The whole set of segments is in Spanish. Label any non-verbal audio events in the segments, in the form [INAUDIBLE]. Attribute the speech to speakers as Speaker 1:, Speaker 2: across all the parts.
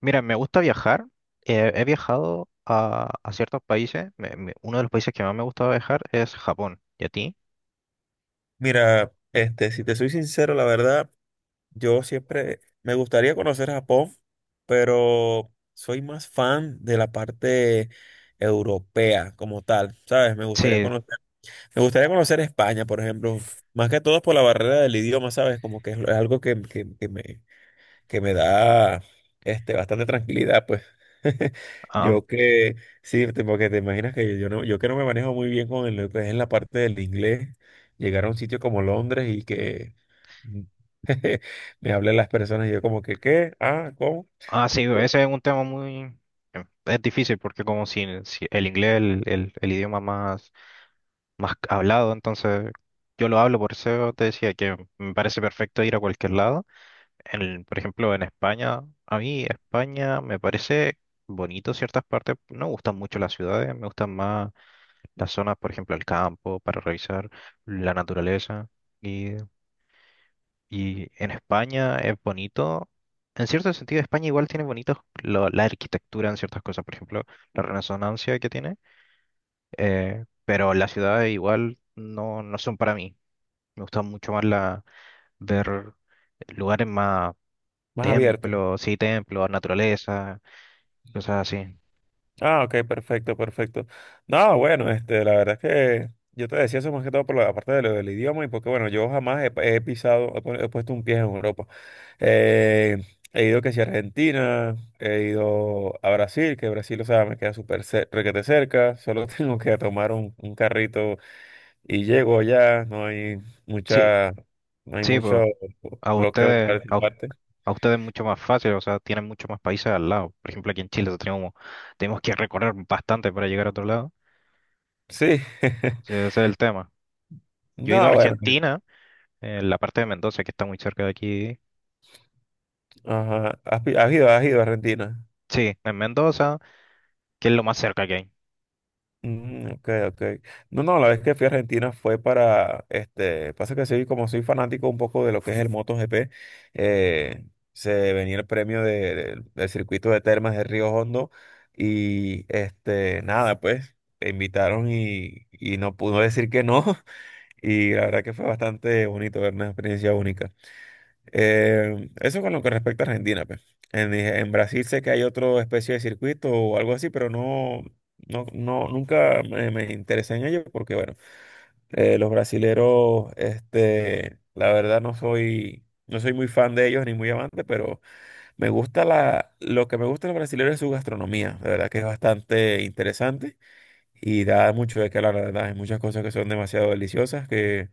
Speaker 1: Mira, me gusta viajar. He viajado a ciertos países. Uno de los países que más me gusta viajar es Japón. ¿Y a ti?
Speaker 2: Mira, este, si te soy sincero, la verdad, yo siempre me gustaría conocer Japón, pero soy más fan de la parte europea como tal, ¿sabes?
Speaker 1: Sí,
Speaker 2: Me gustaría conocer España, por ejemplo, más que todo por la barrera del idioma, ¿sabes? Como que es algo que me, que me da este, bastante tranquilidad, pues. [LAUGHS]
Speaker 1: ah,
Speaker 2: Yo que, sí, te- porque te imaginas que yo no, yo que no me manejo muy bien con el- lo que es en la parte del inglés, llegar a un sitio como Londres y que [LAUGHS] me hablen las personas y yo como que, ¿qué? Ah, ¿cómo?
Speaker 1: ah, sí, ese es un tema muy... es difícil porque como si el inglés es el idioma más, más hablado, entonces yo lo hablo, por eso te decía que me parece perfecto ir a cualquier lado. En, por ejemplo, en España, a mí España me parece bonito ciertas partes. No me gustan mucho las ciudades, me gustan más... las zonas, por ejemplo, el campo, para revisar la naturaleza. Y, y en España es bonito. En cierto sentido, España igual tiene bonitos la arquitectura en ciertas cosas, por ejemplo, la resonancia que tiene, pero las ciudades igual no, no son para mí. Me gusta mucho más la, ver lugares más
Speaker 2: Más abierto.
Speaker 1: templos, sí, templos, naturaleza, cosas así.
Speaker 2: Ah, ok, perfecto, perfecto. No, bueno, este, la verdad es que yo te decía eso más que todo por la parte de lo del idioma y porque, bueno, yo jamás he, he pisado, he, pu- he puesto un pie en Europa. Eh, He ido que si a Argentina, he ido a Brasil, que Brasil, o sea, me queda súper cer- requete cerca, solo [LAUGHS] tengo que tomar un carrito y llego allá, no hay
Speaker 1: Sí,
Speaker 2: mucha, no hay
Speaker 1: sí, pues,
Speaker 2: mucho
Speaker 1: a
Speaker 2: bloqueo en
Speaker 1: ustedes, a
Speaker 2: parte.
Speaker 1: a ustedes es mucho más fácil, o sea, tienen muchos más países al lado. Por ejemplo, aquí en Chile tenemos, tenemos que recorrer bastante para llegar a otro lado.
Speaker 2: Sí.
Speaker 1: Ese
Speaker 2: [LAUGHS]
Speaker 1: ese es el tema. Yo he ido a
Speaker 2: No, bueno,
Speaker 1: Argentina, en la parte de Mendoza, que está muy cerca de aquí.
Speaker 2: ajá, has pi- has ido a Argentina.
Speaker 1: Sí, en Mendoza, que es lo más cerca que hay.
Speaker 2: Mm, ok, ok. No, no, la vez que fui a Argentina fue para, este, pasa que soy, como soy fanático un poco de lo que es el MotoGP, eh, se venía el premio de- del circuito de Termas de Río Hondo y, este, nada, pues, me invitaron y no pudo decir que no [LAUGHS] y la verdad que fue bastante bonito, ver una experiencia única. Eso con lo que respecta a Argentina, pues. En Brasil sé que hay otra especie de circuito o algo así, pero no, nunca me, me interesé en ello porque, bueno, los brasileros, este, la verdad no soy, no soy muy fan de ellos ni muy amante, pero me gusta la, lo que me gusta de los brasileros es su gastronomía, de verdad que es bastante interesante y da mucho de qué hablar, la verdad, hay muchas cosas que son demasiado deliciosas que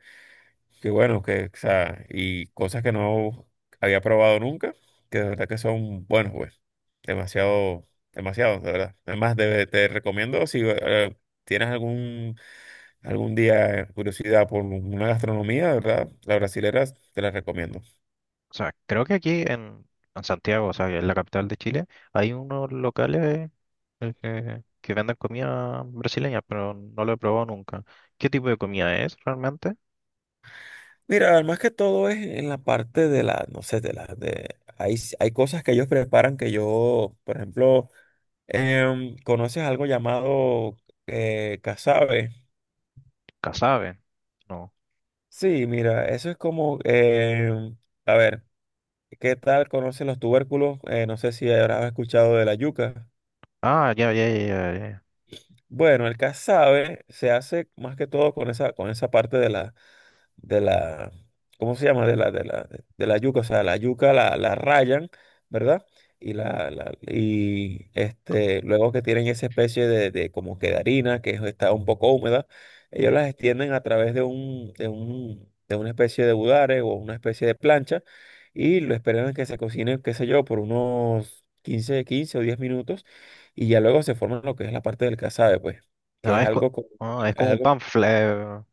Speaker 2: qué bueno, que, o sea, y cosas que no había probado nunca, que de verdad que son buenos, pues. Demasiado, demasiado, de verdad. Además, de- te recomiendo, si tienes algún, algún día curiosidad por una gastronomía, de verdad, la brasilera te la recomiendo.
Speaker 1: O sea, creo que aquí en Santiago, o sea, en la capital de Chile, hay unos locales que venden comida brasileña, pero no lo he probado nunca. ¿Qué tipo de comida es realmente?
Speaker 2: Mira, además que todo es en la parte de la, no sé, de la, de, hay, s- hay cosas que ellos preparan que yo, por ejemplo, ¿conoces algo llamado casabe?
Speaker 1: Casabe, no.
Speaker 2: Sí, mira, eso es como, a ver, ¿qué tal conocen los tubérculos? No sé si habrás escuchado de la yuca.
Speaker 1: Ah, ya, ya, ya, ya, ya.
Speaker 2: Bueno, el casabe se hace más que todo con esa parte de la, ¿cómo se llama? De la, de la yuca, o sea, la yuca la, la rayan, ¿verdad? Y la- y este, luego que tienen esa especie de como que de harina, que es- está un poco húmeda, ellos las extienden a través de de una especie de budare o una especie de plancha, y lo esperan a que se cocine, qué sé yo, por unos quince o 10 minutos, y ya luego se forma lo que es la parte del casabe, pues, que
Speaker 1: No,
Speaker 2: es
Speaker 1: es,
Speaker 2: algo como,
Speaker 1: ah, es como un panfle,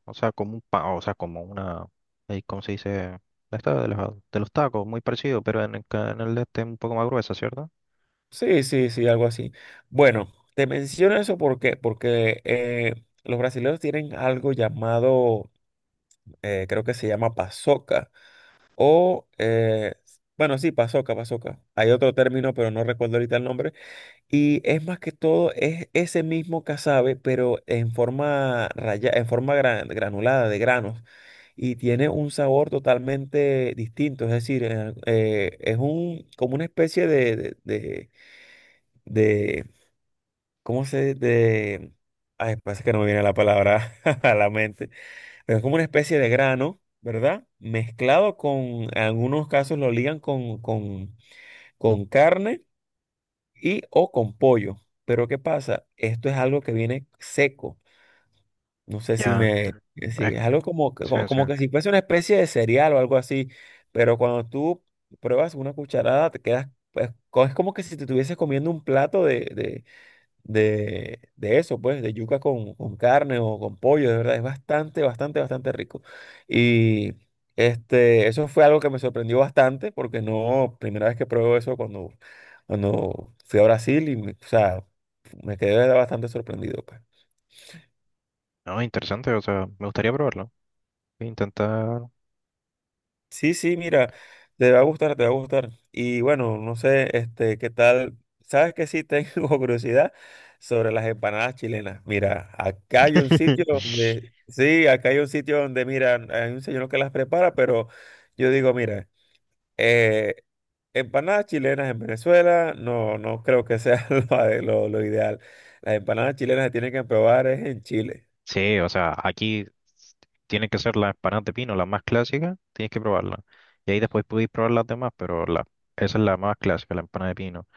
Speaker 1: o sea, como un pan, o sea, como una, ¿cómo se dice? Esta de los tacos, muy parecido, pero en el, en el de este un poco más gruesa, ¿cierto?
Speaker 2: sí, sí, sí, algo así. Bueno, te menciono eso porque los brasileños tienen algo llamado, creo que se llama pasoca, o, bueno, sí, pasoca, pasoca. Hay otro término, pero no recuerdo ahorita el nombre. Y es más que todo, es ese mismo casabe, pero en forma raya, en forma gran- granulada de granos. Y tiene un sabor totalmente distinto, es decir, es un, como una especie de- de ¿cómo se de... ay, pasa que no me viene la palabra [LAUGHS] a la mente. Pero es como una especie de grano, ¿verdad? Mezclado con, en algunos casos lo ligan con carne y o con pollo. Pero ¿qué pasa? Esto es algo que viene seco. No sé si
Speaker 1: Ya.
Speaker 2: me...
Speaker 1: Es-
Speaker 2: si es algo como, que-
Speaker 1: sí,
Speaker 2: como,
Speaker 1: sí.
Speaker 2: como que si fuese una especie de cereal o algo así. Pero cuando tú pruebas una cucharada, te quedas... pues, co- es como que si te estuvieses comiendo un plato de eso, pues, de yuca con carne o con pollo, de verdad, es bastante, bastante, bastante rico. Y este, eso fue algo que me sorprendió bastante, porque no, primera vez que pruebo eso cuando fui a Brasil y, me- o sea, me quedé bastante sorprendido, pues.
Speaker 1: No, interesante, o sea, me gustaría probarlo. Voy a intentar.
Speaker 2: Sí, sí, mira, te va a gustar, te va a gustar. Y bueno, no sé, este, qué tal. Sabes que sí tengo [LAUGHS] curiosidad sobre las empanadas chilenas. Mira, acá hay un sitio
Speaker 1: [LAUGHS]
Speaker 2: donde, sí, acá hay un sitio donde, mira, hay un señor que las prepara, pero yo digo, mira, eh, empanadas chilenas en Venezuela, no, no creo que sea [LAUGHS] lo, ade- lo ideal. Las empanadas chilenas se tienen que probar es en Chile.
Speaker 1: Sí, o sea, aquí s- tiene que ser la empanada de pino, la más clásica, tienes que probarla. Y ahí después podéis probar las demás, pero la, esa es la más clásica, la empanada de pino.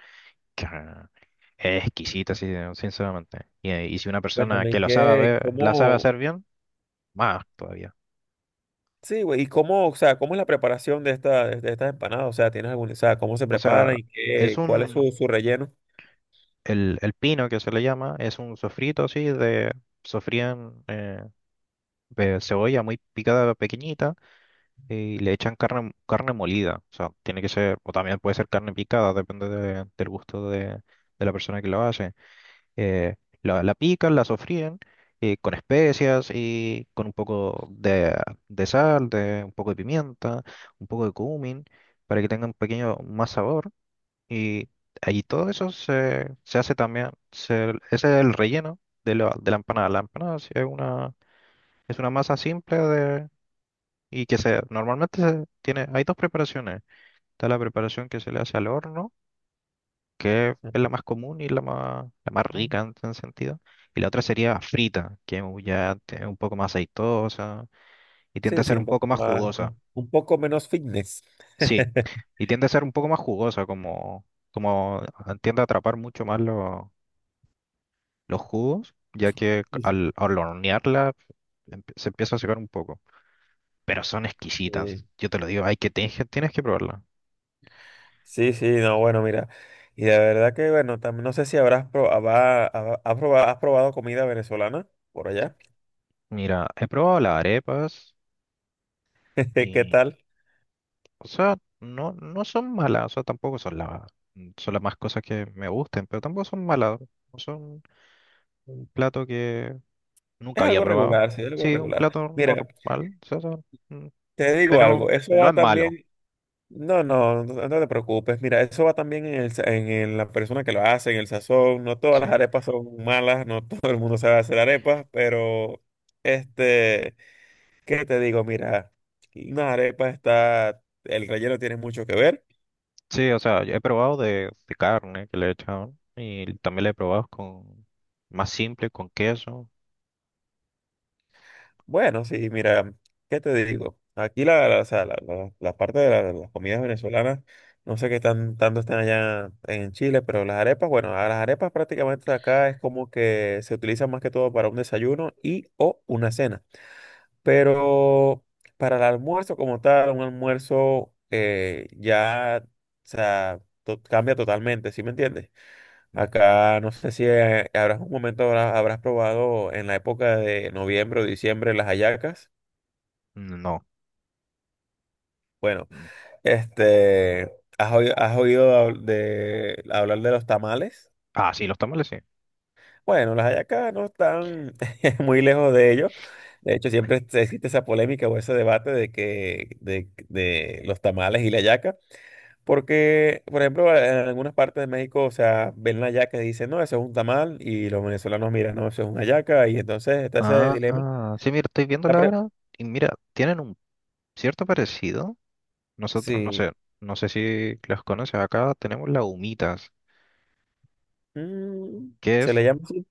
Speaker 1: Claro. Es exquisita, sí, sinceramente. Y si una persona
Speaker 2: Cuéntame,
Speaker 1: que lo sabe,
Speaker 2: ¿qué,
Speaker 1: la sabe
Speaker 2: cómo?
Speaker 1: hacer bien, más todavía.
Speaker 2: Sí, güey, ¿y cómo, o sea, cómo es la preparación de esta, de estas empanadas? O sea, ¿tienes algún, o sea, cómo se
Speaker 1: O
Speaker 2: preparan
Speaker 1: sea,
Speaker 2: y
Speaker 1: es
Speaker 2: qué, cuál es su,
Speaker 1: un,
Speaker 2: su relleno?
Speaker 1: el pino que se le llama, es un sofrito así de, sofrían de cebolla muy picada, pequeñita, y le echan carne, carne molida. O sea, tiene que ser, o también puede ser carne picada, depende del gusto de la persona que lo hace. eh, la, la pican, la sofríen, con especias y con un poco de sal, de, un poco de pimienta, un poco de cumin, para que tenga un pequeño más sabor. Y ahí todo eso se, se hace también, ese es el relleno de la empanada. La empanada sí es una masa simple de, y que se, normalmente se tiene, hay dos preparaciones. Está la preparación que se le hace al horno, que es
Speaker 2: Ujú.
Speaker 1: la más común y la más rica en ese sentido. Y la otra sería frita, que ya es un poco más aceitosa y tiende
Speaker 2: Sí,
Speaker 1: a
Speaker 2: sí,
Speaker 1: ser
Speaker 2: un
Speaker 1: un
Speaker 2: poco
Speaker 1: poco más
Speaker 2: más,
Speaker 1: jugosa.
Speaker 2: un poco menos fitness.
Speaker 1: Sí,
Speaker 2: [LAUGHS]
Speaker 1: y tiende a ser un poco más jugosa, como, como ah, tiende a atrapar mucho más los jugos, ya que al, al hornearla se empieza a secar un poco. Pero son
Speaker 2: Sí,
Speaker 1: exquisitas, yo te lo digo, hay que, tienes que probarla.
Speaker 2: sí, sí, no, bueno, mira. Y de verdad que, bueno, también no sé si habrás pro- habrá- habrá- has probado comida venezolana por allá.
Speaker 1: Mira, he probado las arepas.
Speaker 2: [LAUGHS] ¿Qué tal?
Speaker 1: O sea, no, no son malas, o sea, tampoco son la, son las más cosas que me gusten, pero tampoco son malas. O son un plato que nunca
Speaker 2: Es
Speaker 1: había
Speaker 2: algo
Speaker 1: probado.
Speaker 2: regular, sí, es algo
Speaker 1: Sí, un
Speaker 2: regular.
Speaker 1: plato
Speaker 2: Mira,
Speaker 1: normal, o sea,
Speaker 2: te digo
Speaker 1: pero
Speaker 2: algo, eso
Speaker 1: no
Speaker 2: va
Speaker 1: es malo.
Speaker 2: también, no, no, no no te preocupes. Mira, eso va también en el, sa- en el- la persona que lo hace, en el sazón. No todas las
Speaker 1: Sí,
Speaker 2: arepas son malas, no [LAUGHS] todo el mundo sabe hacer arepas, pero este, ¿qué te digo? Mira, una arepa está, el relleno tiene mucho que ver.
Speaker 1: sí, o sea, yo he probado de carne que le he echado y también le he probado con más simple, con queso.
Speaker 2: Bueno, sí, mira, ¿qué te digo? Aquí la, o sea, la- la parte de la- las comidas venezolanas, no sé qué tan, tanto están allá en Chile, pero las arepas, bueno, a las arepas prácticamente acá es como que se utilizan más que todo para un desayuno y o una cena. Pero para el almuerzo como tal, un almuerzo ya, o sea, to- cambia totalmente, ¿sí me entiendes?
Speaker 1: Mm,
Speaker 2: Acá no sé si habrás un momento habrás, habrás probado en la época de noviembre o diciembre las hallacas.
Speaker 1: no.
Speaker 2: Bueno,
Speaker 1: Mm.
Speaker 2: este, has oído hab- de, hablar de los tamales?
Speaker 1: Ah, sí, los tamales sí.
Speaker 2: Bueno, las hallacas no están [LAUGHS] muy lejos de ello. De hecho, siempre este- existe esa polémica o ese debate de que de los tamales y la hallaca, porque, por ejemplo, en algunas partes de México, o sea, ven la hallaca y dicen, no, eso es un tamal, y los venezolanos miran, no, eso es una hallaca, y entonces está ese
Speaker 1: Ah,
Speaker 2: dilema.
Speaker 1: ah, sí, mira, estoy viendo
Speaker 2: La
Speaker 1: la
Speaker 2: pre-
Speaker 1: hora y mira, tienen un cierto parecido. Nosotros, no
Speaker 2: sí,
Speaker 1: sé, no sé si los conoces acá, tenemos las humitas,
Speaker 2: mm,
Speaker 1: que
Speaker 2: se
Speaker 1: es,
Speaker 2: le llama así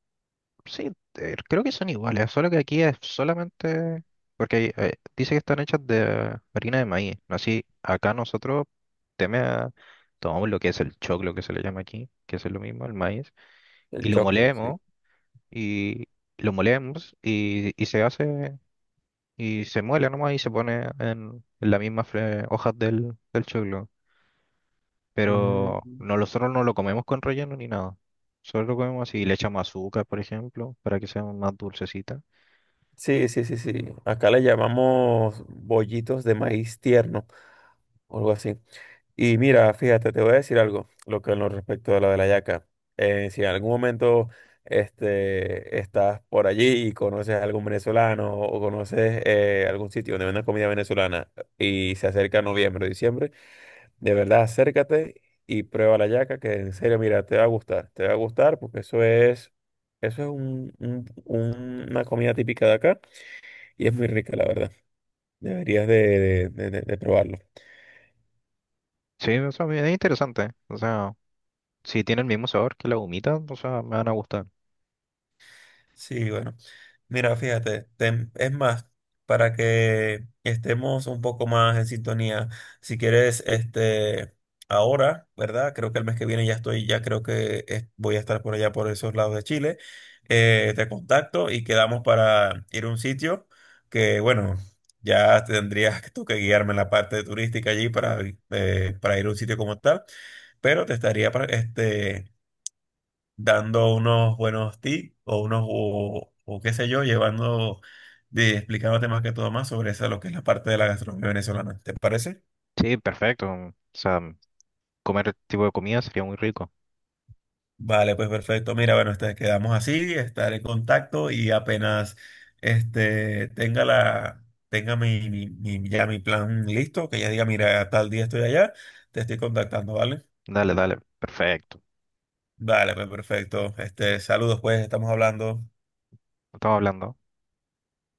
Speaker 1: sí, creo que son iguales, solo que aquí es solamente, porque dice que están hechas de harina de maíz, ¿no? Así, acá nosotros teme a- tomamos lo que es el choclo, que se le llama aquí, que es lo mismo, el maíz,
Speaker 2: el
Speaker 1: y lo
Speaker 2: choclo, sí.
Speaker 1: molemos, y lo molemos, y se hace, y se muele nomás, y se pone en las mismas hojas del, del choclo.
Speaker 2: Mm.
Speaker 1: Pero no, nosotros no lo comemos con relleno ni nada. Solo lo comemos así. Le echamos azúcar, por ejemplo, para que sea más dulcecita.
Speaker 2: Sí, sí, sí, sí. Acá le llamamos bollitos de maíz tierno o algo así. Y mira, fíjate, te voy a decir algo, lo que en lo respecto a lo de la hallaca. Si en algún momento este, estás por allí y conoces a algún venezolano o conoces algún sitio donde venden comida venezolana y se acerca noviembre o diciembre, de verdad acércate y prueba la hallaca. Que en serio, mira, te va a gustar, te va a gustar porque eso es un- una comida típica de acá y es muy rica, la verdad. Deberías de probarlo.
Speaker 1: Sí, o sea, es interesante. O sea, si tiene el mismo sabor que la humita, o sea, me van a gustar.
Speaker 2: Sí, bueno. Mira, fíjate, tem- es más, para que estemos un poco más en sintonía, si quieres, este, ahora, ¿verdad? Creo que el mes que viene ya estoy, ya creo que es- voy a estar por allá, por esos lados de Chile. Te contacto y quedamos para ir a un sitio que, bueno, ya tendrías tú que guiarme en la parte turística allí para ir a un sitio como tal, pero te estaría, pra- este... dando unos buenos tips o unos, o qué sé yo, llevando, de, explicándote más que todo más sobre esa, lo que es la parte de la gastronomía venezolana. ¿Te parece?
Speaker 1: Sí, perfecto. O sea, comer este tipo de comida sería muy rico.
Speaker 2: Vale, pues perfecto. Mira, bueno, este, quedamos así, estaré en contacto y apenas este, tenga la, tenga mi, mi, mi- ya mi plan listo, que ya diga, mira, tal día estoy allá, te estoy contactando, ¿vale?
Speaker 1: Dale, dale, perfecto.
Speaker 2: Vale, pues perfecto. Este, saludos, pues, estamos hablando.
Speaker 1: Estamos hablando.